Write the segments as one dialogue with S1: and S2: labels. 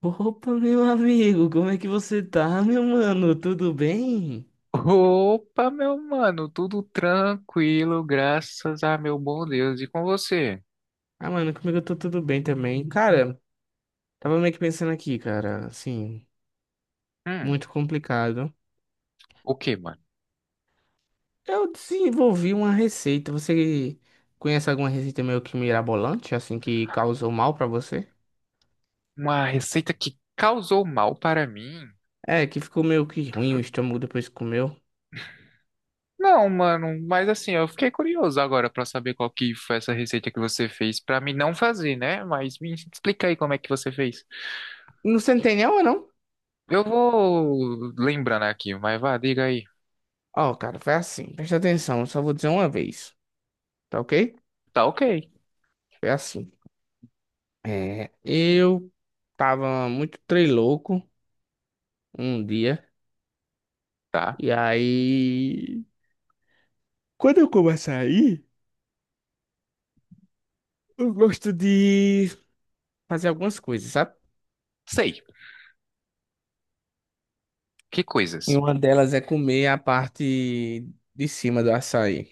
S1: Opa, meu amigo, como é que você tá, meu mano? Tudo bem?
S2: Opa, meu mano, tudo tranquilo, graças a meu bom Deus. E com você?
S1: Ah, mano, comigo eu tô tudo bem também. Cara, tava meio que pensando aqui, cara, assim,
S2: Hum,
S1: muito complicado.
S2: o que, mano?
S1: Eu desenvolvi uma receita. Você conhece alguma receita meio que mirabolante, assim, que causou mal pra você?
S2: Uma receita que causou mal para mim?
S1: É, que ficou meio que ruim o estômago depois que comeu.
S2: Não, mano, mas assim, eu fiquei curioso agora para saber qual que foi essa receita que você fez para mim não fazer, né? Mas me explica aí como é que você fez.
S1: Não, você não tem nenhuma, não?
S2: Eu vou lembrando aqui, mas vá, diga aí.
S1: Ó, cara, foi assim. Presta atenção, eu só vou dizer uma vez, tá ok?
S2: Tá ok,
S1: Foi assim. É, eu tava muito trei louco. Um dia.
S2: tá?
S1: E aí, quando eu começo a ir, eu gosto de fazer algumas coisas, sabe?
S2: Sei. Que coisas?
S1: E uma delas é comer a parte de cima do açaí.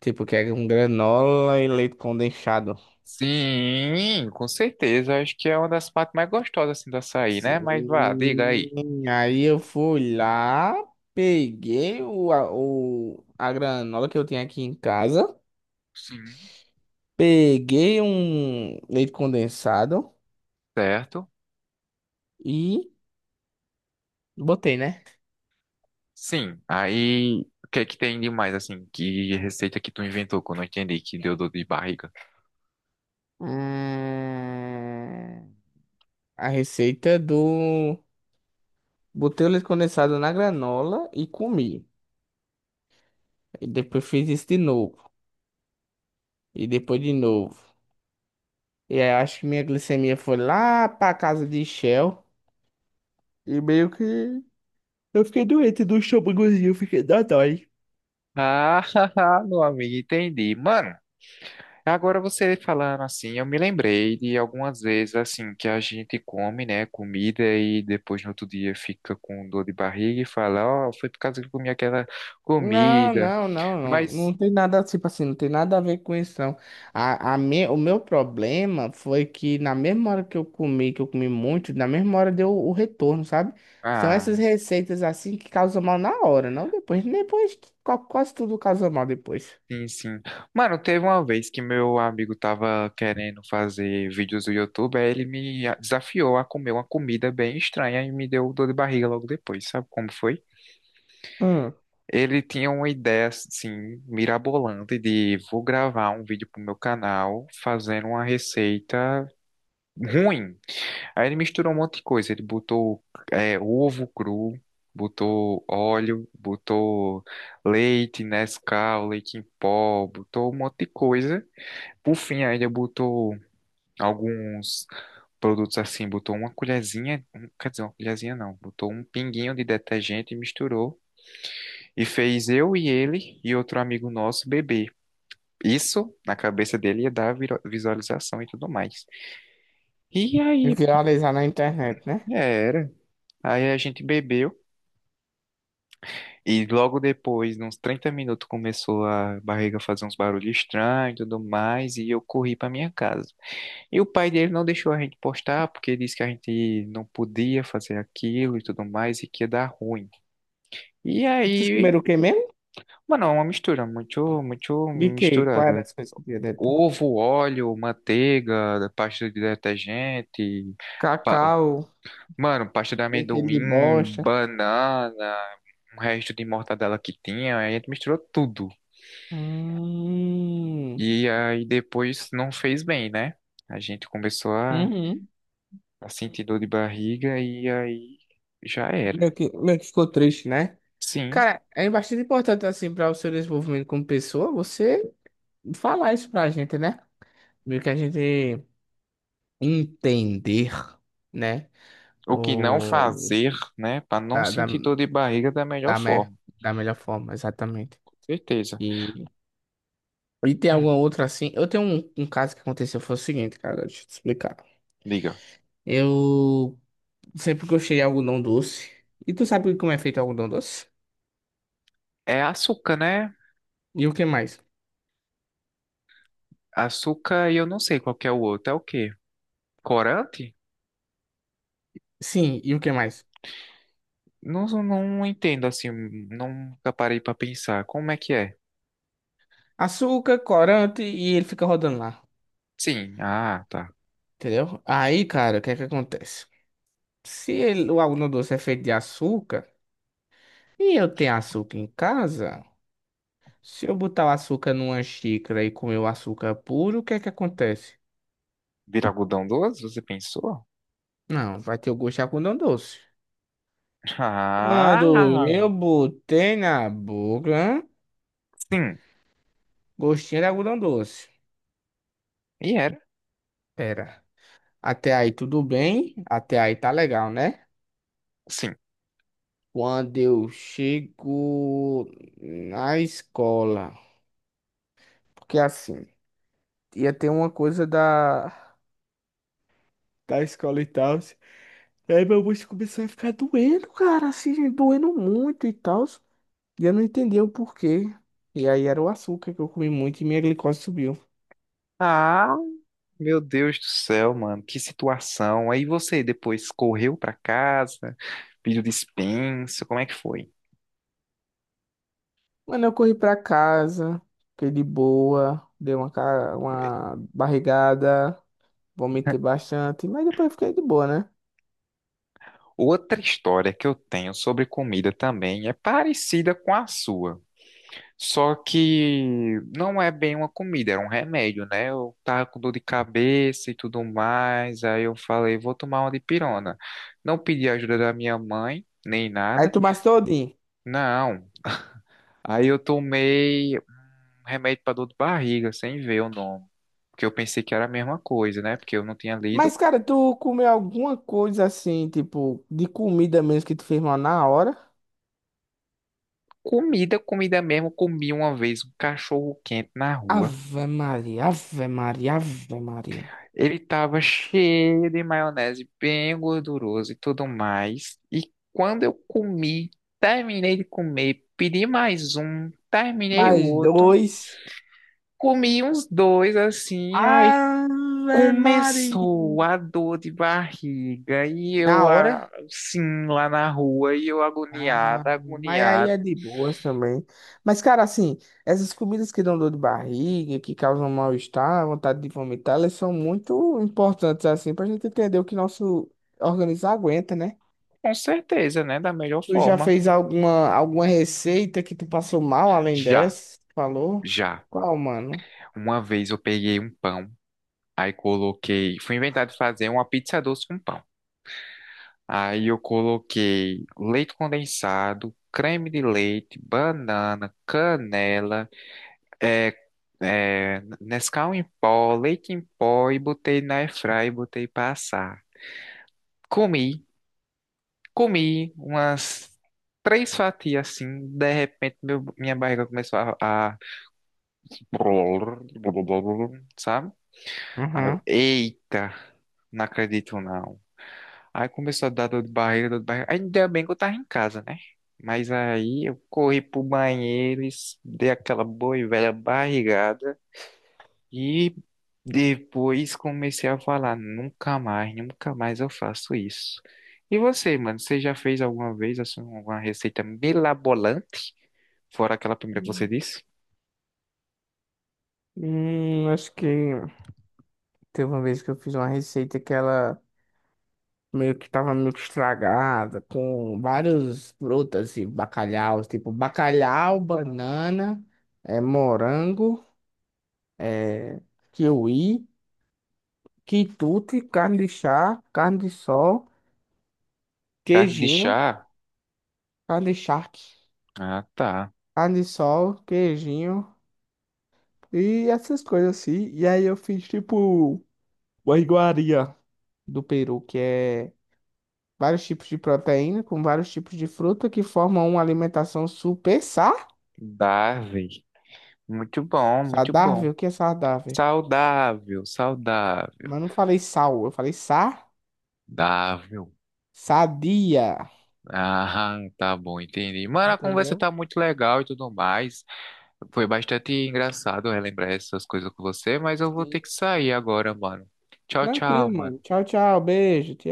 S1: Tipo, que é um granola e leite condensado.
S2: Sim, com certeza. Acho que é uma das partes mais gostosas assim do açaí, né? Mas vá,
S1: Sim.
S2: diga aí.
S1: Aí eu fui lá, peguei a granola que eu tinha aqui em casa,
S2: Sim.
S1: peguei um leite condensado
S2: Certo?
S1: e botei, né?
S2: Sim. Aí, o que é que tem de mais assim? Que receita que tu inventou que eu não entendi, que deu dor de barriga?
S1: Hum, a receita do. Botei o leite condensado na granola e comi. E depois fiz isso de novo. E depois de novo. E aí eu acho que minha glicemia foi lá pra casa de Shell. E meio que. Eu fiquei doente do estômagozinho, eu fiquei da dói.
S2: Ah, meu amigo, entendi. Mano, agora você falando assim, eu me lembrei de algumas vezes assim que a gente come, né, comida e depois no outro dia fica com dor de barriga e fala, ó, foi por causa que eu comi aquela
S1: Não,
S2: comida.
S1: não, não, não,
S2: Mas,
S1: não tem nada, tipo assim, não tem nada a ver com isso, não. O meu problema foi que na mesma hora que eu comi muito, na mesma hora deu o retorno, sabe? São
S2: ah,
S1: essas receitas assim que causam mal na hora, não depois. Depois, que quase tudo causa mal depois.
S2: sim, sim. Mano, teve uma vez que meu amigo tava querendo fazer vídeos do YouTube, aí ele me desafiou a comer uma comida bem estranha e me deu dor de barriga logo depois. Sabe como foi?
S1: Hum,
S2: Ele tinha uma ideia assim mirabolante de vou gravar um vídeo pro meu canal fazendo uma receita ruim. Aí ele misturou um monte de coisa. Ele botou ovo cru, botou óleo, botou leite Nescau, leite em pó, botou um monte de coisa. Por fim, aí ele botou alguns produtos assim, botou uma colherzinha, um, quer dizer, uma colherzinha não, botou um pinguinho de detergente e misturou. E fez eu e ele e outro amigo nosso beber. Isso, na cabeça dele, ia dar visualização e tudo mais. E aí,
S1: viralizar na internet, né?
S2: era. Aí a gente bebeu. E logo depois, uns 30 minutos, começou a barriga fazer uns barulhos estranhos e tudo mais. E eu corri pra minha casa. E o pai dele não deixou a gente postar, porque disse que a gente não podia fazer aquilo e tudo mais, e que ia dar ruim. E
S1: Vocês
S2: aí,
S1: comeram o que mesmo?
S2: mano, é uma mistura muito
S1: De que? Qual era
S2: misturada.
S1: as coisas que tinha dentro?
S2: Ovo, óleo, manteiga, pasta de detergente, pa-
S1: Cacau.
S2: mano, pasta de
S1: E aquele de
S2: amendoim,
S1: bosta.
S2: banana, um resto de mortadela que tinha, aí a gente misturou tudo.
S1: Hum,
S2: E aí depois não fez bem, né? A gente começou a,
S1: uhum.
S2: a sentir dor de barriga e aí já era.
S1: Meio que ficou triste, né?
S2: Sim,
S1: Cara, é bastante importante, assim, para o seu desenvolvimento como pessoa, você falar isso pra gente, né? Meio que a gente entender, né?
S2: o que não
S1: O...
S2: fazer, né, pra não
S1: Da, da,
S2: sentir dor de barriga da melhor
S1: da, me...
S2: forma,
S1: Da melhor forma, exatamente.
S2: certeza.
S1: E, e tem
S2: Hum,
S1: alguma outra, assim... Eu tenho um caso que aconteceu, foi o seguinte, cara, deixa eu te explicar.
S2: diga.
S1: Eu sempre gostei de algodão doce. E tu sabe como é feito o algodão doce?
S2: É açúcar, né?
S1: E o que mais?
S2: Açúcar e eu não sei qual que é o outro, é o quê? Corante?
S1: Sim, e o que mais?
S2: Não, não entendo assim, nunca parei pra pensar. Como é que é?
S1: Açúcar, corante, e ele fica rodando lá.
S2: Sim, ah, tá.
S1: Entendeu? Aí, cara, o que é que acontece? Se ele- O algodão doce é feito de açúcar e eu tenho açúcar em casa, se eu botar o açúcar numa xícara e comer o açúcar puro, o que é que acontece?
S2: Vira algodão doce, você pensou?
S1: Não, vai ter o gosto de algodão doce. Quando
S2: Ah,
S1: eu botei na boca,
S2: sim.
S1: gostinho de algodão doce.
S2: E era?
S1: Pera, até aí tudo bem? Até aí tá legal, né?
S2: Sim.
S1: Quando eu chego na escola, porque assim ia ter uma coisa da escola e tal. Aí meu bucho começou a ficar doendo, cara, assim, doendo muito e tal. E eu não entendi o porquê. E aí era o açúcar que eu comi muito e minha glicose subiu.
S2: Ah, meu Deus do céu, mano, que situação. Aí você depois correu pra casa, pediu dispensa, como é que foi?
S1: Mano, eu corri pra casa, fiquei de boa, dei uma, uma barrigada, vomitei bastante, mas depois fiquei de boa, né?
S2: Outra história que eu tenho sobre comida também é parecida com a sua. Só que não é bem uma comida, era um remédio, né? Eu tava com dor de cabeça e tudo mais, aí eu falei, vou tomar uma dipirona. Não pedi ajuda da minha mãe, nem
S1: Aí
S2: nada,
S1: tu mas todinho.
S2: não. Aí eu tomei um remédio para dor de barriga, sem ver o nome, porque eu pensei que era a mesma coisa, né? Porque eu não tinha lido.
S1: Mas, cara, tu comeu alguma coisa assim, tipo, de comida mesmo que tu fez mal na hora?
S2: Comida, comida mesmo, comi uma vez um cachorro quente na rua.
S1: Ave Maria, Ave Maria, Ave Maria.
S2: Ele tava cheio de maionese, bem gorduroso e tudo mais. E quando eu comi, terminei de comer, pedi mais um, terminei o
S1: Mais
S2: outro,
S1: dois.
S2: comi uns dois assim, aí
S1: Ave Maria.
S2: começou a dor de barriga e
S1: Na
S2: eu
S1: hora.
S2: assim lá na rua e eu
S1: Ah,
S2: agoniado,
S1: mas aí
S2: agoniado,
S1: é de boas também. Mas, cara, assim, essas comidas que dão dor de barriga, que causam mal-estar, vontade de vomitar, elas são muito importantes, assim, pra gente entender o que nosso organismo aguenta, né?
S2: com certeza, né, da melhor
S1: Tu já
S2: forma.
S1: fez alguma receita que tu passou mal além
S2: Já,
S1: dessa? Tu falou?
S2: já.
S1: Qual, mano?
S2: Uma vez eu peguei um pão, aí coloquei, fui inventar de fazer uma pizza doce com pão. Aí eu coloquei leite condensado, creme de leite, banana, canela, é, Nescau em pó, leite em pó e botei na airfryer e botei pra assar. Comi, comi umas três fatias assim, de repente minha barriga começou a... sabe? Aí eu,
S1: Uhum.
S2: eita, não acredito não. Aí começou a dar dor de barriga, dor de barriga. Ainda bem que eu tava em casa, né? Mas aí eu corri pro banheiro, dei aquela boa e velha barrigada e depois comecei a falar, nunca mais, nunca mais eu faço isso. E você, mano, você já fez alguma vez assim, uma receita mirabolante? Fora aquela primeira que você disse?
S1: Acho que teve uma vez que eu fiz uma receita que ela. Meio que tava meio que estragada, com várias frutas e bacalhau, tipo bacalhau, banana, é, morango, é, kiwi, quitute, carne de chá, carne de sol,
S2: Carne de
S1: queijinho,
S2: chá?
S1: carne de charque,
S2: Ah, tá.
S1: carne de sol, queijinho e essas coisas assim. E aí eu fiz tipo uma iguaria do Peru, que é vários tipos de proteína com vários tipos de fruta que formam uma alimentação super saudável.
S2: Dável. Muito bom, muito bom.
S1: Sardável? O que é sardável?
S2: Saudável, saudável.
S1: Mas eu não falei sal, eu falei sa,
S2: Dável.
S1: sadia.
S2: Ah, tá bom, entendi. Mano, a conversa
S1: Entendeu?
S2: tá muito legal e tudo mais. Foi bastante engraçado relembrar essas coisas com você, mas eu vou ter
S1: Sim,
S2: que
S1: sim.
S2: sair agora, mano. Tchau,
S1: Tranquilo,
S2: tchau,
S1: mano.
S2: mano.
S1: Tchau, tchau. Beijo.